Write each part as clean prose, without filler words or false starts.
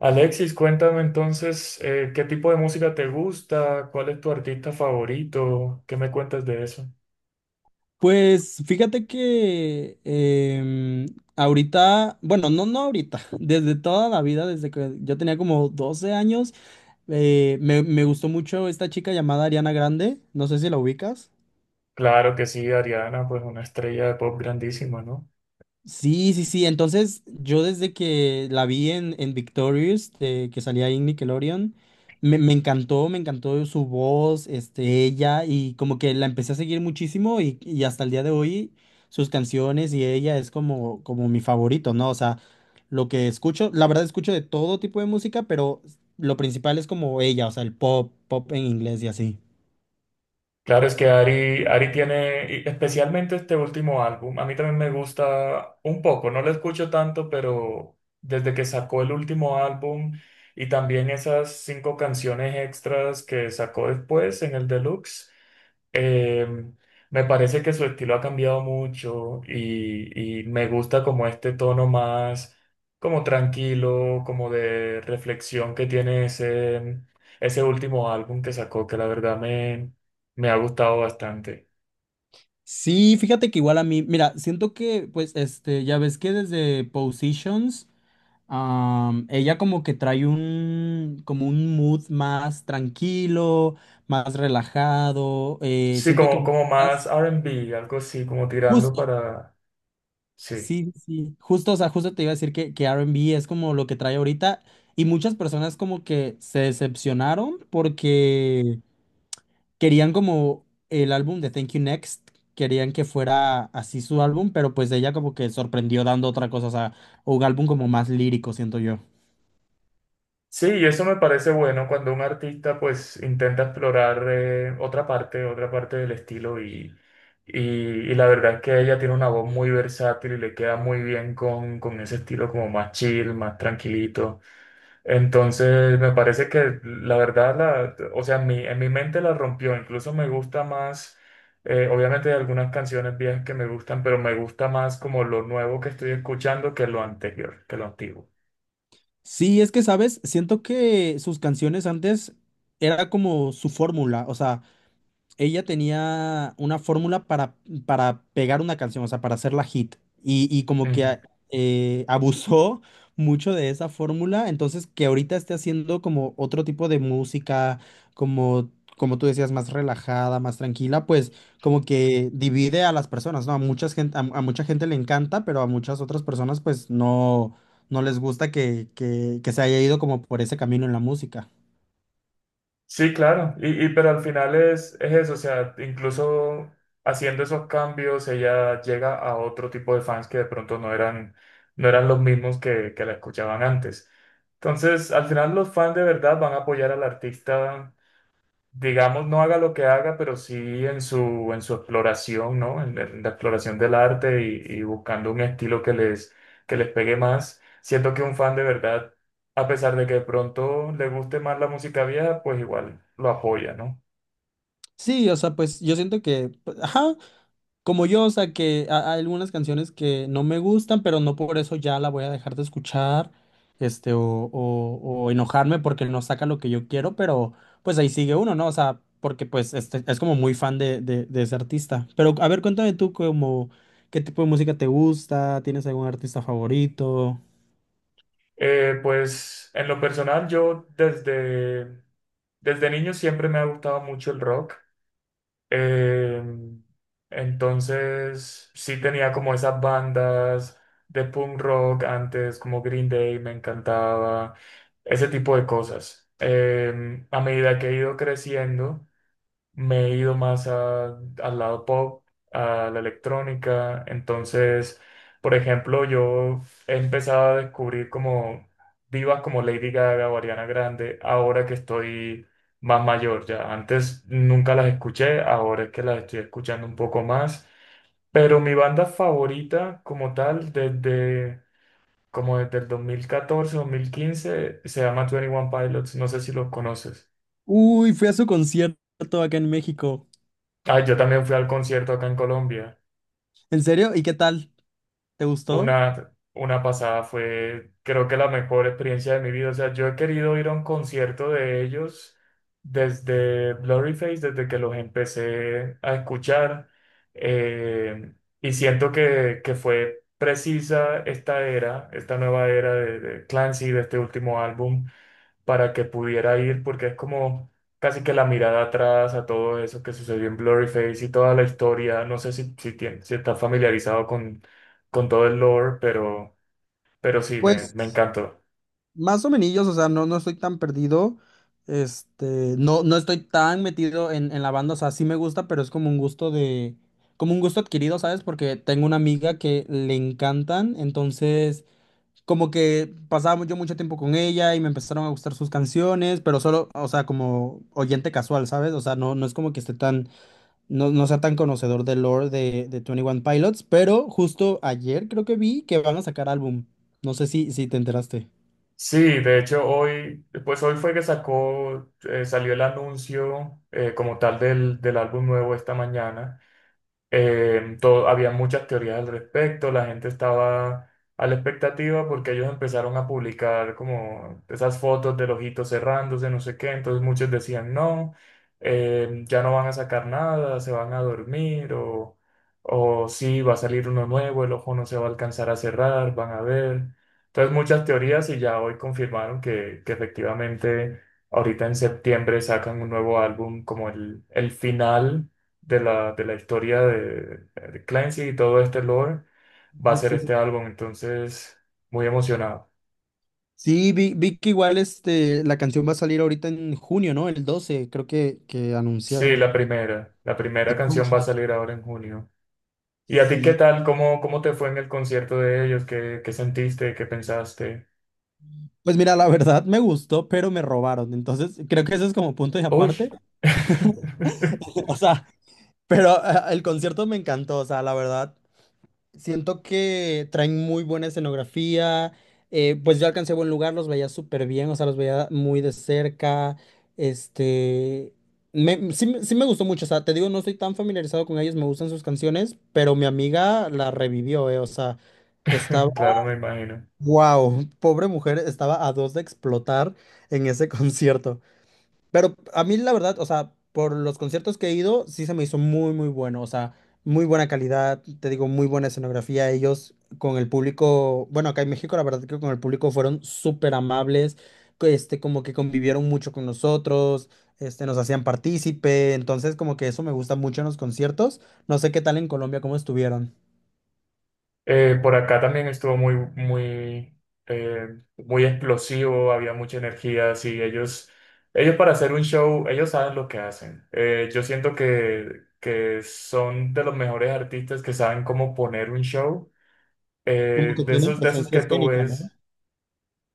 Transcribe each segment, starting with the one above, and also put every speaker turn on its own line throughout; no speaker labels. Alexis, cuéntame entonces, ¿qué tipo de música te gusta? ¿Cuál es tu artista favorito? ¿Qué me cuentas de eso?
Pues fíjate que ahorita, bueno, no ahorita, desde toda la vida, desde que yo tenía como 12 años, me gustó mucho esta chica llamada Ariana Grande, no sé si la ubicas.
Claro que sí, Ariana, pues una estrella de pop grandísima, ¿no?
Sí, sí, sí. Entonces, yo desde que la vi en Victorious, de que salía ahí en Nickelodeon, me encantó, me encantó su voz, este, ella, y como que la empecé a seguir muchísimo y hasta el día de hoy sus canciones y ella es como, como mi favorito, ¿no? O sea, lo que escucho, la verdad escucho de todo tipo de música, pero lo principal es como ella, o sea, el pop, pop en inglés y así.
Claro, es que Ari tiene, y especialmente este último álbum, a mí también me gusta un poco, no lo escucho tanto, pero desde que sacó el último álbum y también esas cinco canciones extras que sacó después en el Deluxe. Eh, Me parece que su estilo ha cambiado mucho y me gusta como este tono más como tranquilo, como de reflexión que tiene ese último álbum que sacó, que me ha gustado bastante.
Sí, fíjate que igual a mí, mira, siento que, pues, este, ya ves que desde Positions. Ella como que trae un, como un mood más tranquilo, más relajado.
Sí,
Siento que
como, como
estás
más R&B, algo así, como tirando
justo,
para... Sí.
sí, sí, justo, o sea, justo te iba a decir que R&B es como lo que trae ahorita y muchas personas como que se decepcionaron porque querían como el álbum de Thank You Next, querían que fuera así su álbum, pero pues ella como que sorprendió dando otra cosa, o sea, un álbum como más lírico, siento yo.
Sí, y eso me parece bueno cuando un artista pues intenta explorar otra parte del estilo y la verdad es que ella tiene una voz muy versátil y le queda muy bien con ese estilo como más chill, más tranquilito. Entonces me parece que la verdad, la, o sea, en en mi mente la rompió, incluso me gusta más, obviamente hay algunas canciones viejas que me gustan, pero me gusta más como lo nuevo que estoy escuchando que lo anterior, que lo antiguo.
Sí, es que, ¿sabes? Siento que sus canciones antes era como su fórmula, o sea, ella tenía una fórmula para pegar una canción, o sea, para hacerla hit. Y como que abusó mucho de esa fórmula, entonces que ahorita esté haciendo como otro tipo de música, como, como tú decías, más relajada, más tranquila, pues como que divide a las personas, ¿no? A mucha gente, a mucha gente le encanta, pero a muchas otras personas pues no, no les gusta que se haya ido como por ese camino en la música.
Sí, claro, pero al final es eso, o sea, incluso haciendo esos cambios ella llega a otro tipo de fans que de pronto no eran, no eran los mismos que la escuchaban antes. Entonces, al final los fans de verdad van a apoyar al artista digamos, no haga lo que haga, pero sí en en su exploración, ¿no? En la exploración del arte y buscando un estilo que les pegue más. Siento que un fan de verdad, a pesar de que de pronto le guste más la música vieja, pues igual lo apoya, ¿no?
Sí, o sea, pues yo siento que, pues, ajá, como yo, o sea, que hay algunas canciones que no me gustan, pero no por eso ya la voy a dejar de escuchar, este, o enojarme porque no saca lo que yo quiero, pero pues ahí sigue uno, ¿no? O sea, porque pues este, es como muy fan de ese artista. Pero a ver, cuéntame tú como, ¿qué tipo de música te gusta? ¿Tienes algún artista favorito?
Pues en lo personal, yo desde, desde niño siempre me ha gustado mucho el rock. Eh, entonces, sí tenía como esas bandas de punk rock antes, como Green Day, me encantaba, ese tipo de cosas. A medida que he ido creciendo, me he ido más a- al lado pop, a la electrónica. Entonces, por ejemplo, yo he empezado a descubrir como divas como Lady Gaga o Ariana Grande ahora que estoy más mayor ya. Antes nunca las escuché, ahora es que las estoy escuchando un poco más. Pero mi banda favorita como tal desde... Como desde el 2014, 2015, se llama Twenty One Pilots, no sé si los conoces.
Uy, fui a su concierto acá en México.
Ah, yo también fui al concierto acá en Colombia.
¿En serio? ¿Y qué tal? ¿Te gustó?
Una pasada fue, creo que la mejor experiencia de mi vida. O sea, yo he querido ir a un concierto de ellos desde Blurryface, desde que los empecé a escuchar. eh, y siento que fue precisa esta era, esta nueva era de Clancy, de este último álbum, para que pudiera ir, porque es como casi que la mirada atrás a todo eso que sucedió en Blurryface y toda la historia. No sé tien- si estás familiarizado con todo el lore, pero sí, me,
pues
me encantó.
Más o menos, o sea, no estoy tan perdido. Este, no estoy tan metido en la banda. O sea, sí me gusta, pero es como un gusto de, como un gusto adquirido, ¿sabes? Porque tengo una amiga que le encantan. Entonces, como que pasaba yo mucho tiempo con ella y me empezaron a gustar sus canciones, pero solo, o sea, como oyente casual, ¿sabes? O sea, no, no es como que esté tan, no, no sea tan conocedor del lore de Twenty One Pilots, pero justo ayer creo que vi que van a sacar álbum. No sé si te enteraste.
Sí, de hecho hoy, pues hoy fue que sacó, salió el anuncio como tal del, del álbum nuevo esta mañana. Todo, había muchas teorías al respecto, la gente estaba a la expectativa porque ellos empezaron a publicar como esas fotos del ojito cerrándose, no sé qué, entonces muchos decían no, ya no van a sacar nada, se van a dormir o sí, va a salir uno nuevo, el ojo no se va a alcanzar a cerrar, van a ver. Entonces muchas teorías y ya hoy confirmaron que efectivamente ahorita en septiembre sacan un nuevo álbum como el final de la historia de Clancy y todo este lore va a
Ah,
ser
sí, sí.
este álbum, entonces muy emocionado.
Sí, vi que igual este, la canción va a salir ahorita en junio, ¿no? El 12 creo que
Sí,
anunciaron.
la
Sí,
primera canción
concha.
va a salir ahora en junio. ¿Y a ti qué
Sí.
tal? ¿Cómo, cómo te fue en el concierto de ellos? ¿Qué, qué sentiste? ¿Qué pensaste?
Pues mira, la verdad me gustó, pero me robaron. Entonces, creo que eso es como punto y
Uy,
aparte. O sea, pero el concierto me encantó. O sea, la verdad, siento que traen muy buena escenografía. Pues yo alcancé buen lugar, los veía súper bien, o sea, los veía muy de cerca. Este. Me, sí, me sí me gustó mucho, o sea, te digo, no estoy tan familiarizado con ellos, me gustan sus canciones, pero mi amiga la revivió, o sea, estaba.
claro, me imagino.
¡Wow! Pobre mujer, estaba a dos de explotar en ese concierto. Pero a mí la verdad, o sea, por los conciertos que he ido, sí se me hizo muy, muy bueno, o sea, muy buena calidad, te digo, muy buena escenografía. Ellos con el público, bueno, acá en México la verdad que con el público fueron súper amables, que, este, como que convivieron mucho con nosotros, este, nos hacían partícipe, entonces como que eso me gusta mucho en los conciertos. No sé qué tal en Colombia, cómo estuvieron.
Por acá también estuvo muy, muy, muy explosivo, había mucha energía, así ellos, ellos para hacer un show, ellos saben lo que hacen. Yo siento que son de los mejores artistas que saben cómo poner un show.
Como que
De
tienen
esos, de esos
presencia
que tú
escénica, ¿no?
ves,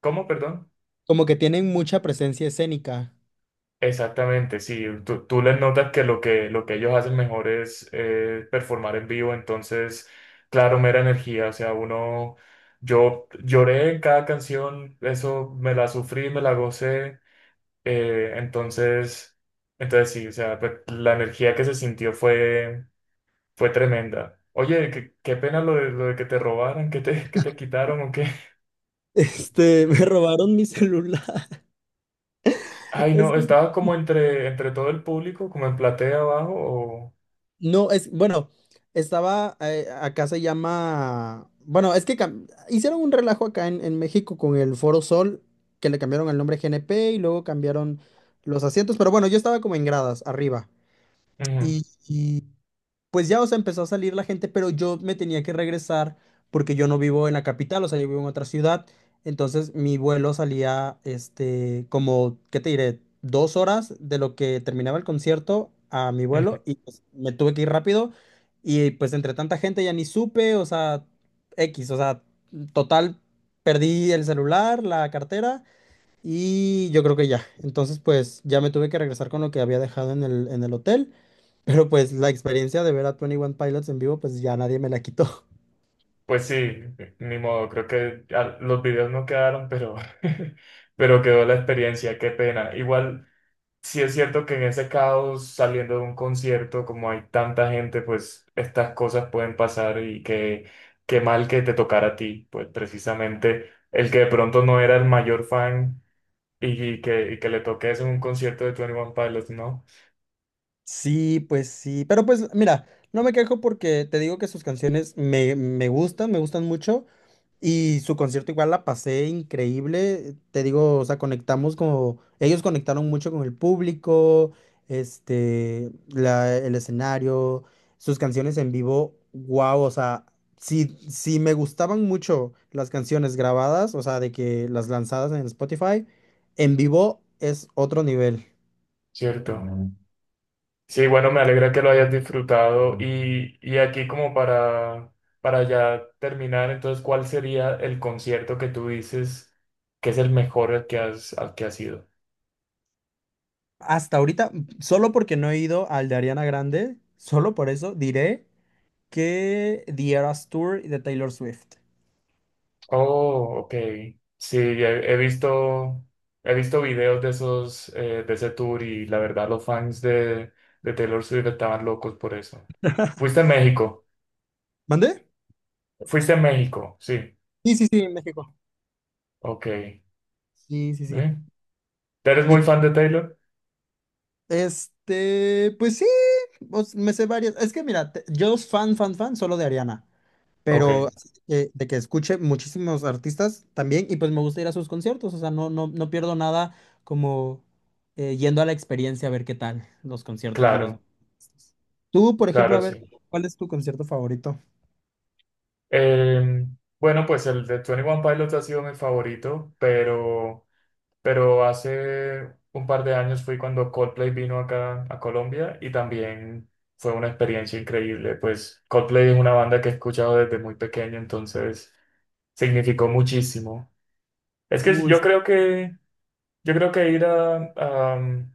¿cómo, perdón?
Como que tienen mucha presencia escénica.
Exactamente, sí. Tú les notas que lo que, lo que ellos hacen mejor es performar en vivo, entonces, claro, mera energía. O sea, uno, yo lloré en cada canción, eso me la sufrí, me la gocé. Entonces, entonces sí, o sea, pues, la energía que se sintió fue, fue tremenda. Oye, qué, qué pena lo de que te robaran, que te quitaron o qué.
Este, me robaron mi celular.
Ay,
Es
no,
que
estaba como entre, entre todo el público, como en platea abajo o...
no, es, bueno, estaba, acá se llama, bueno, es que hicieron un relajo acá en México con el Foro Sol, que le cambiaron el nombre GNP y luego cambiaron los asientos, pero bueno, yo estaba como en gradas, arriba
Ujú,
pues ya, o sea, empezó a salir la gente, pero yo me tenía que regresar porque yo no vivo en la capital, o sea, yo vivo en otra ciudad. Entonces mi vuelo salía, este, como, ¿qué te diré? Dos horas de lo que terminaba el concierto a mi
ujú.
vuelo y pues, me tuve que ir rápido y pues entre tanta gente ya ni supe, o sea, X, o sea, total, perdí el celular, la cartera y yo creo que ya. Entonces pues ya me tuve que regresar con lo que había dejado en el hotel. Pero pues la experiencia de ver a Twenty One Pilots en vivo, pues ya nadie me la quitó.
Pues sí, ni modo, creo que los videos no quedaron, pero, pero quedó la experiencia, qué pena. Igual, sí es cierto que en ese caos, saliendo de un concierto, como hay tanta gente, pues estas cosas pueden pasar y que qué mal que te tocara a ti, pues precisamente el que de pronto no era el mayor fan y que, y que le toques en un concierto de Twenty One Pilots, ¿no?
Sí, pues sí. Pero pues mira, no me quejo porque te digo que sus canciones me gustan, me gustan mucho. Y su concierto igual la pasé increíble, te digo, o sea, conectamos como, ellos conectaron mucho con el público, este, el escenario, sus canciones en vivo, wow, o sea, si me gustaban mucho las canciones grabadas, o sea, de que las lanzadas en Spotify, en vivo es otro nivel.
Cierto. Sí, bueno, me alegra que lo hayas disfrutado. Y aquí como para ya terminar, entonces, ¿cuál sería el concierto que tú dices que es el mejor al que has ido?
Hasta ahorita, solo porque no he ido al de Ariana Grande, solo por eso diré que The Eras Tour de Taylor Swift.
Oh, ok. Sí, he, he visto videos de esos, de ese tour y la verdad los fans de Taylor Swift estaban locos por eso. ¿Fuiste a México?
¿Mandé?
¿Fuiste a México? Sí,
Sí, sí, sí, en México.
ok. ¿Eh?
Sí, sí, sí.
¿Eres muy
Y
fan de Taylor?
este, pues sí, pues, me sé varias. Es que mira, yo fan, fan, fan solo de Ariana,
Ok,
pero así de que escuche muchísimos artistas también y pues me gusta ir a sus conciertos, o sea, no, no, no pierdo nada como yendo a la experiencia a ver qué tal los conciertos de los...
claro,
Tú, por ejemplo,
claro,
a ver,
sí.
¿cuál es tu concierto favorito?
Eh, bueno, pues el de 21 Pilots ha sido mi favorito, pero hace un par de años fui cuando Coldplay vino acá a Colombia y también fue una experiencia increíble. Pues Coldplay es una banda que he escuchado desde muy pequeño, entonces significó muchísimo. Es que
Uy,
yo creo que yo creo que ir a,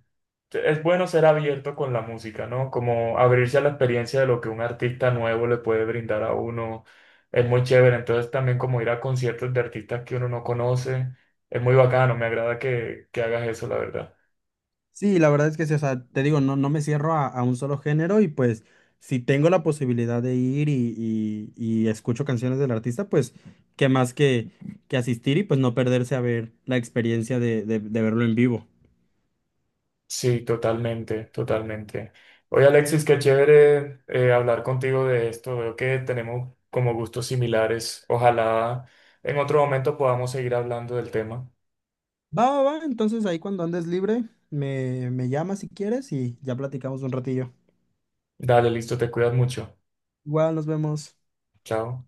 es bueno ser abierto con la música, ¿no? Como abrirse a la experiencia de lo que un artista nuevo le puede brindar a uno. Es muy chévere. Entonces también como ir a conciertos de artistas que uno no conoce. Es muy bacano. Me agrada que hagas eso, la verdad.
sí, la verdad es que sí, o sea, te digo, no, no me cierro a un solo género y pues si tengo la posibilidad de ir y escucho canciones del artista, pues qué más que asistir y pues no perderse a ver la experiencia de, de verlo en vivo.
Sí, totalmente, totalmente. Oye, Alexis, qué chévere hablar contigo de esto. Veo que tenemos como gustos similares. Ojalá en otro momento podamos seguir hablando del tema.
Va, va, va, entonces ahí cuando andes libre, me llamas si quieres y ya platicamos un ratillo.
Dale, listo, te cuidas mucho.
Igual nos vemos.
Chao.